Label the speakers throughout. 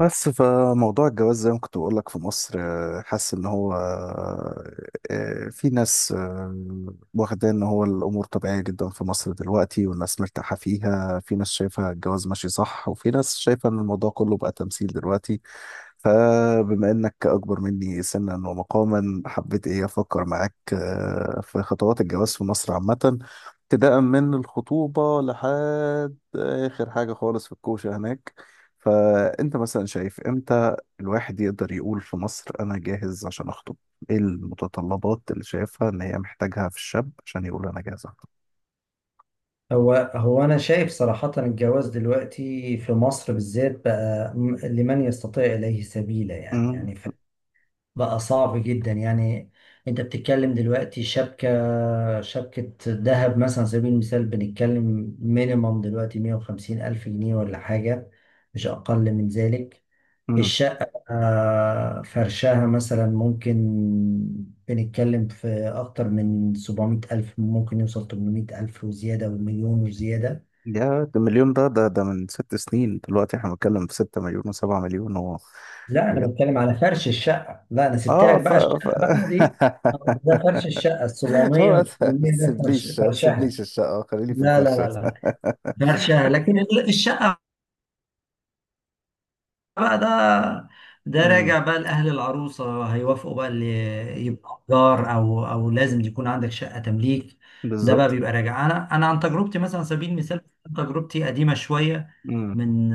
Speaker 1: بس فموضوع الجواز زي ما كنت بقول لك في مصر، حاسس ان هو، في ناس، واخده ان هو الامور طبيعيه جدا في مصر دلوقتي والناس مرتاحه فيها. في ناس شايفه الجواز ماشي صح، وفي ناس شايفه ان الموضوع كله بقى تمثيل دلوقتي. فبما انك اكبر مني سنا ومقاما، حبيت ايه افكر معاك في خطوات الجواز في مصر عامه، ابتداء من الخطوبه لحد اخر حاجه خالص في الكوشه هناك. فأنت مثلا شايف إمتى الواحد يقدر يقول في مصر: أنا جاهز عشان أخطب؟ إيه المتطلبات اللي شايفها إن هي محتاجها في الشاب عشان يقول أنا جاهز أخطب؟
Speaker 2: هو أنا شايف صراحة، الجواز دلوقتي في مصر بالذات بقى لمن يستطيع إليه سبيلا، يعني
Speaker 1: امم.
Speaker 2: يعني ف- بقى صعب جدا يعني. أنت بتتكلم دلوقتي، شبكة ذهب مثلا، على سبيل المثال بنتكلم مينيمم دلوقتي 150 ألف جنيه ولا حاجة، مش أقل من ذلك.
Speaker 1: امم.
Speaker 2: الشقة، فرشها مثلا ممكن، بنتكلم في أكتر من 700 ألف، ممكن يوصل 800 ألف وزيادة ومليون وزيادة.
Speaker 1: يا ده مليون، ده من 6 سنين دلوقتي، إحنا بنتكلم في 6 مليون وسبعة مليون و
Speaker 2: لا انا
Speaker 1: حاجات.
Speaker 2: بتكلم على فرش الشقه، لا انا سبت
Speaker 1: آه
Speaker 2: لك
Speaker 1: ف,
Speaker 2: بقى
Speaker 1: ف...
Speaker 2: الشقه بقى دي، ده فرش الشقه ال 700
Speaker 1: هو
Speaker 2: وال
Speaker 1: ما
Speaker 2: 800، ده فرش
Speaker 1: تسيبليش ما
Speaker 2: فرشها.
Speaker 1: تسيبليش الشقة، خليني في
Speaker 2: لا لا
Speaker 1: الفرشة.
Speaker 2: لا، لا فرشها لكن الشقه بقى ده. ده
Speaker 1: امم.
Speaker 2: راجع بقى لاهل العروسه، هيوافقوا بقى اللي يبقى جار، او لازم يكون عندك شقه تمليك. ده بقى
Speaker 1: بالظبط.
Speaker 2: بيبقى راجع، انا عن تجربتي، مثلا على سبيل المثال، تجربتي قديمه شويه،
Speaker 1: امم.
Speaker 2: من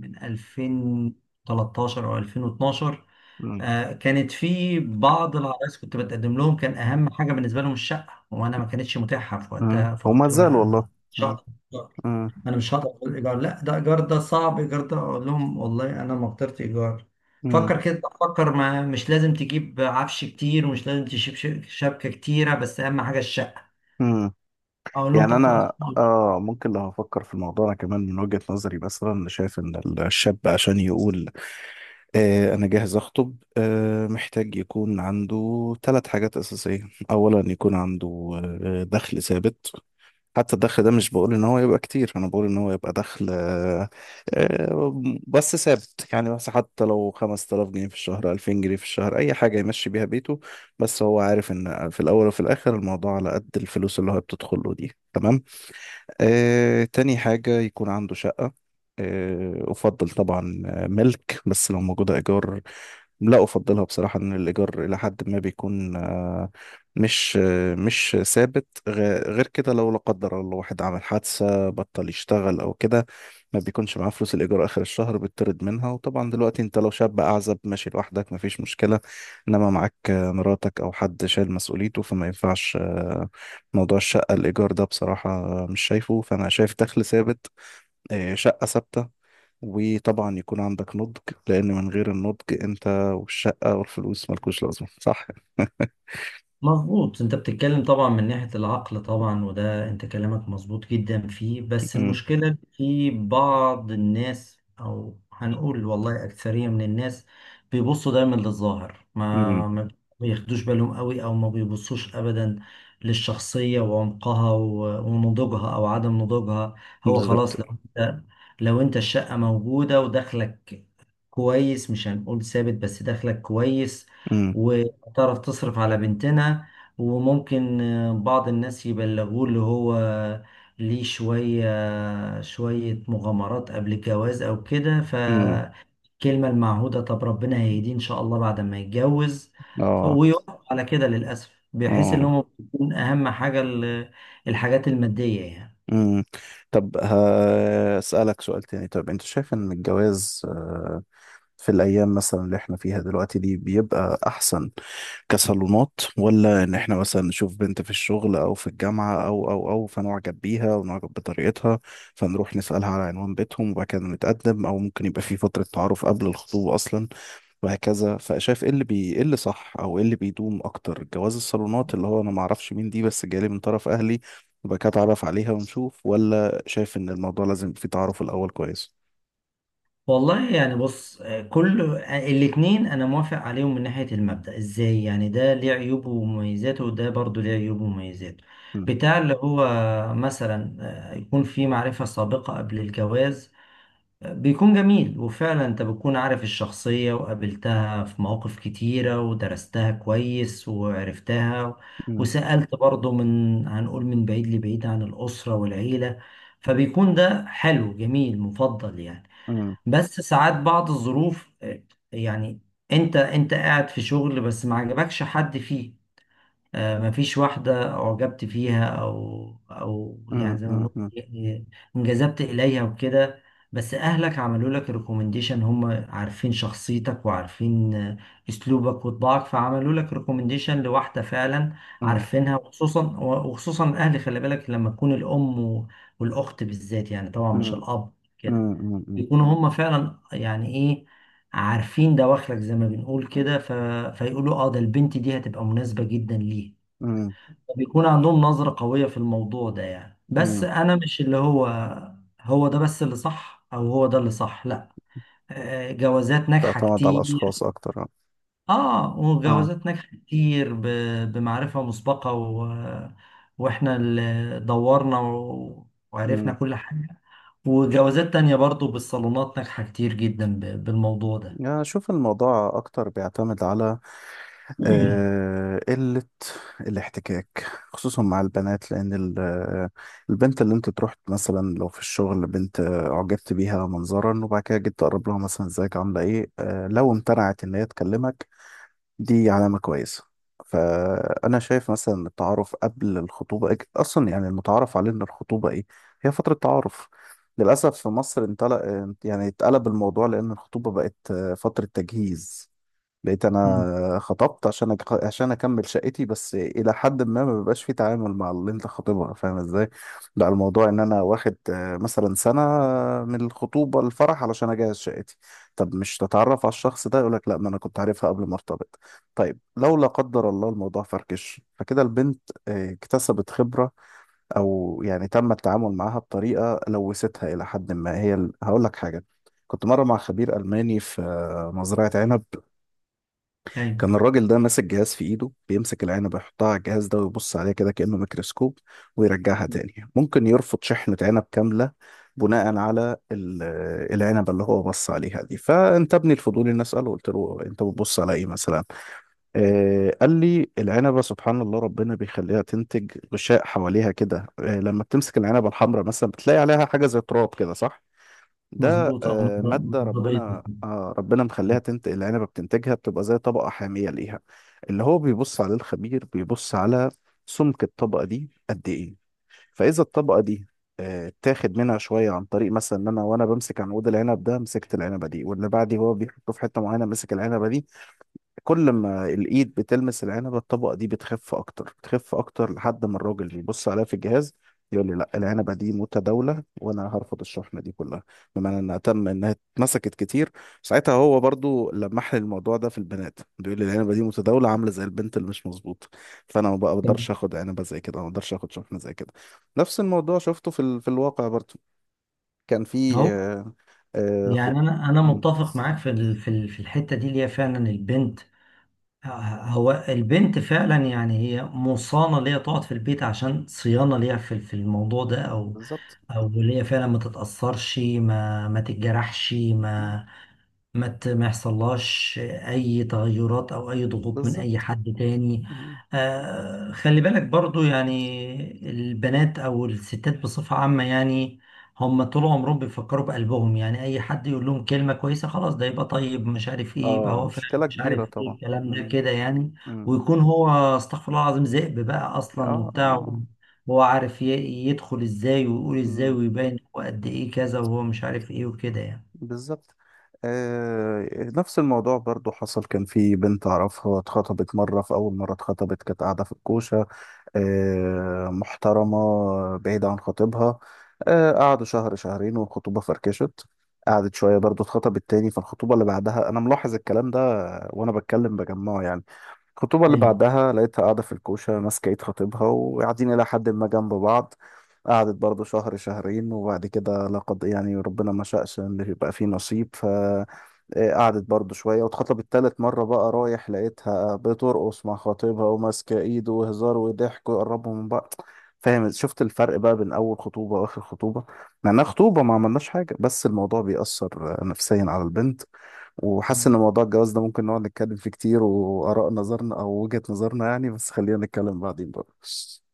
Speaker 2: من 2013 او 2012.
Speaker 1: امم.
Speaker 2: كانت في بعض العرايس كنت بتقدم لهم، كان اهم حاجه بالنسبه لهم الشقه، وانا ما كانتش متاحه في وقتها،
Speaker 1: هما
Speaker 2: فقلت لهم
Speaker 1: زال
Speaker 2: لا
Speaker 1: والله.
Speaker 2: انا مش
Speaker 1: امم.
Speaker 2: هقدر، اقول ايجار، لا ده ايجار، ده صعب ايجار، ده اقول لهم والله انا ما قدرت ايجار.
Speaker 1: امم.
Speaker 2: فكر كده، فكر، ما مش لازم تجيب عفش كتير، ومش لازم تجيب شبكه كتيره، بس اهم حاجه الشقه،
Speaker 1: امم.
Speaker 2: اقول لهم
Speaker 1: يعني
Speaker 2: طب خلاص.
Speaker 1: انا ممكن لو هفكر في الموضوع، انا كمان من وجهة نظري مثلا شايف ان الشاب عشان يقول انا جاهز اخطب، محتاج يكون عنده ثلاث حاجات اساسية. اولا يكون عنده دخل ثابت. حتى الدخل ده، مش بقول ان هو يبقى كتير، انا بقول ان هو يبقى دخل آه بس ثابت. يعني بس حتى لو 5000 جنيه في الشهر، 2000 جنيه في الشهر، اي حاجة يمشي بيها بيته، بس هو عارف ان في الاول وفي الاخر الموضوع على قد الفلوس اللي هو بتدخله دي. تمام. تاني حاجة يكون عنده شقة. أفضل طبعا ملك، بس لو موجودة إيجار، لا، أفضلها بصراحة. إن الإيجار إلى حد ما بيكون مش ثابت، غير كده لو لا قدر الله واحد عمل حادثة بطل يشتغل أو كده، ما بيكونش معاه فلوس الإيجار آخر الشهر بيطرد منها. وطبعا دلوقتي أنت لو شاب أعزب ماشي لوحدك مفيش مشكلة، إنما معاك مراتك أو حد شايل مسؤوليته، فما ينفعش موضوع الشقة الإيجار ده بصراحة، مش شايفه. فأنا شايف دخل ثابت، شقة ثابتة، وطبعا يكون عندك نضج. لأن من غير النضج، أنت والشقة والفلوس ملكوش لازمة، صح؟
Speaker 2: مظبوط، انت بتتكلم طبعا من ناحية العقل طبعا، وده انت كلامك مظبوط جدا فيه، بس
Speaker 1: أمم.
Speaker 2: المشكلة إن في بعض الناس، او هنقول والله اكثرية من الناس، بيبصوا دايما للظاهر،
Speaker 1: أمم.
Speaker 2: ما بياخدوش بالهم قوي، او ما بيبصوش ابدا للشخصية وعمقها ونضوجها او عدم نضوجها. هو
Speaker 1: بالظبط.
Speaker 2: خلاص، انت لو انت الشقة موجودة ودخلك كويس، مش هنقول ثابت بس دخلك كويس،
Speaker 1: أمم.
Speaker 2: تعرف تصرف على بنتنا. وممكن بعض الناس يبلغوه اللي هو ليه شوية شوية مغامرات قبل الجواز أو كده،
Speaker 1: أمم.
Speaker 2: فالكلمة المعهودة طب ربنا هيهديه إن شاء الله بعد ما يتجوز،
Speaker 1: آه.
Speaker 2: ويوافق على كده للأسف، بحيث
Speaker 1: آه.
Speaker 2: إن هم بيكون أهم حاجة الحاجات المادية يعني.
Speaker 1: أمم. طب هسألك سؤال تاني. طب أنت شايف إن الجواز في الأيام مثلا اللي إحنا فيها دلوقتي دي بيبقى أحسن كصالونات، ولا ان احنا مثلا نشوف بنت في الشغل او في الجامعة او فنعجب بيها ونعجب بطريقتها، فنروح نسألها على عنوان بيتهم وبعد كده نتقدم، او ممكن يبقى في فترة تعارف قبل الخطوبة اصلا وهكذا. فشايف ايه اللي بي ايه اللي صح او ايه اللي بيدوم اكتر؟ جواز الصالونات اللي هو انا ما اعرفش مين دي بس جالي من طرف اهلي وبعد كده اتعرف عليها ونشوف، ولا شايف ان الموضوع لازم يبقى فيه تعارف الاول كويس؟
Speaker 2: والله يعني بص، كل الاتنين انا موافق عليهم من ناحية المبدأ، ازاي يعني؟ ده ليه عيوبه ومميزاته، وده برضو ليه عيوبه ومميزاته.
Speaker 1: مم.
Speaker 2: بتاع اللي هو، مثلا يكون في معرفة سابقة قبل الجواز، بيكون جميل، وفعلا انت بتكون عارف الشخصية وقابلتها في مواقف كتيرة ودرستها كويس وعرفتها،
Speaker 1: مم.
Speaker 2: وسألت برضو، من هنقول، من بعيد لبعيد، عن الأسرة والعيلة، فبيكون ده حلو جميل مفضل يعني.
Speaker 1: مم.
Speaker 2: بس ساعات بعض الظروف، يعني انت قاعد في شغل بس ما عجبكش حد فيه، ما فيش واحدة اعجبت فيها، او
Speaker 1: مم.
Speaker 2: يعني زي ما
Speaker 1: مم.
Speaker 2: بنقول،
Speaker 1: مم.
Speaker 2: يعني انجذبت اليها وكده، بس اهلك عملوا لك ريكومنديشن، هم عارفين شخصيتك وعارفين اسلوبك وطباعك، فعملوا لك ريكومنديشن لواحدة فعلا عارفينها. وخصوصا وخصوصا الاهل، خلي بالك لما تكون الام والاخت بالذات يعني، طبعا مش
Speaker 1: مم.
Speaker 2: الاب كده،
Speaker 1: مم.
Speaker 2: يكونوا هم فعلا يعني ايه، عارفين دواخلك زي ما بنقول كده، فيقولوا اه ده البنت دي هتبقى مناسبة جدا ليه،
Speaker 1: مم.
Speaker 2: بيكون عندهم نظرة قوية في الموضوع ده يعني. بس
Speaker 1: مم.
Speaker 2: انا مش اللي هو، هو ده بس اللي صح، او هو ده اللي صح، لا. جوازات ناجحة
Speaker 1: تعتمد على الأشخاص
Speaker 2: كتير،
Speaker 1: أكتر، اه.
Speaker 2: اه،
Speaker 1: آه.
Speaker 2: وجوازات ناجحة كتير بمعرفة مسبقة واحنا اللي دورنا وعرفنا
Speaker 1: أمم.
Speaker 2: كل حاجة. وجوازات تانية برضو بالصالونات ناجحة كتير جدا بالموضوع ده.
Speaker 1: يعني أشوف الموضوع أكتر بيعتمد على قلة الاحتكاك، خصوصا مع البنات. لأن البنت اللي أنت تروح مثلا لو في الشغل بنت أعجبت بيها منظرا، وبعد كده جيت تقرب لها مثلا، إزيك عاملة إيه لو امتنعت إن هي تكلمك، دي علامة كويسة. فأنا شايف مثلا إن التعارف قبل الخطوبة أصلا، يعني المتعارف عليه إن الخطوبة إيه؟ هي فترة تعارف. للأسف في مصر انطلق، يعني اتقلب الموضوع، لأن الخطوبة بقت فترة تجهيز. بقيت
Speaker 2: مم.
Speaker 1: انا خطبت عشان اكمل شقتي بس، الى حد ما ما بيبقاش في تعامل مع اللي انت خاطبها، فاهم ازاي؟ لا، الموضوع ان انا واخد مثلا سنه من الخطوبه الفرح علشان اجهز شقتي. طب مش تتعرف على الشخص ده؟ يقول لك لا، ما انا كنت عارفها قبل ما ارتبط. طيب لو لا قدر الله الموضوع فركش، فكده البنت اكتسبت خبره، او يعني تم التعامل معاها بطريقه لوثتها الى حد ما. هي هقول لك حاجه. كنت مره مع خبير الماني في مزرعه عنب.
Speaker 2: ايوه،
Speaker 1: كان الراجل ده ماسك جهاز في ايده، بيمسك العنبة يحطها على الجهاز ده ويبص عليها كده، كأنه ميكروسكوب، ويرجعها تاني. ممكن يرفض شحنة عنب كاملة بناء على العنبة اللي هو بص عليها دي. فانتابني الفضول اني اسأله، قلت له: انت بتبص على ايه مثلا؟ قال لي: العنبة سبحان الله ربنا بيخليها تنتج غشاء حواليها كده، لما بتمسك العنبة الحمراء مثلا بتلاقي عليها حاجة زي تراب كده، صح؟ ده
Speaker 2: مظبوط، اه
Speaker 1: مادة
Speaker 2: مظبوط.
Speaker 1: ربنا مخليها تنتج. العنبة بتنتجها، بتبقى زي طبقة حامية ليها. اللي هو بيبص عليه الخبير، بيبص على سمك الطبقة دي قد ايه. فإذا الطبقة دي تاخد منها شوية، عن طريق مثلا إن أنا وأنا بمسك عنقود العنب ده مسكت العنبة دي، واللي بعدي هو بيحطه في حتة معينة مسك العنبة دي، كل ما الايد بتلمس العنبه الطبقه دي بتخف اكتر، بتخف اكتر، لحد ما الراجل يبص عليها في الجهاز يقول لي: لا، العنبه دي متداوله وانا هرفض الشحنه دي كلها. بمعنى انها اتمسكت كتير. ساعتها هو برضو لمح لي الموضوع ده في البنات، بيقول لي العنبه دي متداوله، عامله زي البنت اللي مش مظبوطه، فانا ما بقدرش
Speaker 2: تمام.
Speaker 1: اخد عنبه زي كده، ما بقدرش اخد شحنه زي كده. نفس الموضوع شفته في الواقع برضو. كان في
Speaker 2: هو يعني
Speaker 1: خط.
Speaker 2: انا
Speaker 1: مم.
Speaker 2: متفق معاك في الحتة دي، اللي هي فعلا البنت. آه، هو البنت فعلا يعني، هي مصانة ليها تقعد في البيت عشان صيانة ليها في الموضوع ده، او
Speaker 1: بالظبط.
Speaker 2: او اللي هي فعلا ما تتاثرش، ما تتجرحش،
Speaker 1: مم.
Speaker 2: ما يحصلهاش اي تغيرات او اي ضغوط من اي
Speaker 1: بالظبط.
Speaker 2: حد تاني. آه خلي بالك برضو، يعني البنات او الستات بصفة عامة يعني، هم طول عمرهم بيفكروا بقلبهم يعني، اي حد يقول لهم كلمة كويسة خلاص، ده يبقى طيب مش عارف ايه، يبقى
Speaker 1: اه،
Speaker 2: هو فعلا
Speaker 1: مشكلة
Speaker 2: مش
Speaker 1: كبيرة
Speaker 2: عارف ايه،
Speaker 1: طبعا.
Speaker 2: الكلام ده
Speaker 1: مم.
Speaker 2: كده يعني.
Speaker 1: مم.
Speaker 2: ويكون هو، استغفر الله العظيم، ذئب بقى اصلا
Speaker 1: اه
Speaker 2: وبتاع،
Speaker 1: اه.
Speaker 2: هو عارف يدخل ازاي ويقول ازاي
Speaker 1: مم.
Speaker 2: ويبين هو قد ايه كذا وهو مش عارف ايه وكده يعني.
Speaker 1: بالظبط. آه. نفس الموضوع برضو حصل. كان في بنت اعرفها اتخطبت مرة. في اول مرة اتخطبت كانت قاعدة في الكوشة، محترمة، بعيدة عن خطيبها. قعدوا شهر شهرين والخطوبة فركشت. قعدت شوية برضو، اتخطبت تاني. فالخطوبة اللي بعدها انا ملاحظ الكلام ده وانا بتكلم بجمعه يعني. الخطوبة اللي
Speaker 2: إيه.
Speaker 1: بعدها لقيتها قاعدة في الكوشة ماسكة ايد خطيبها، وقاعدين إلى حد ما جنب بعض. قعدت برضو شهر شهرين وبعد كده، لقد يعني ربنا ما شاءش إن يبقى فيه نصيب. ف آه، قعدت برضو شوية واتخطبت تالت مرة. بقى رايح لقيتها بترقص مع خطيبها وماسكة ايده وهزار وضحك ويقربوا من بعض. فاهم؟ شفت الفرق بقى بين أول خطوبة وآخر خطوبة؟ مع إنها خطوبة ما عملناش حاجة، بس الموضوع بيأثر نفسيا على البنت. وحاسس ان موضوع الجواز ده ممكن نقعد نتكلم فيه كتير، واراء نظرنا او وجهة نظرنا يعني، بس خلينا نتكلم بعدين بقى.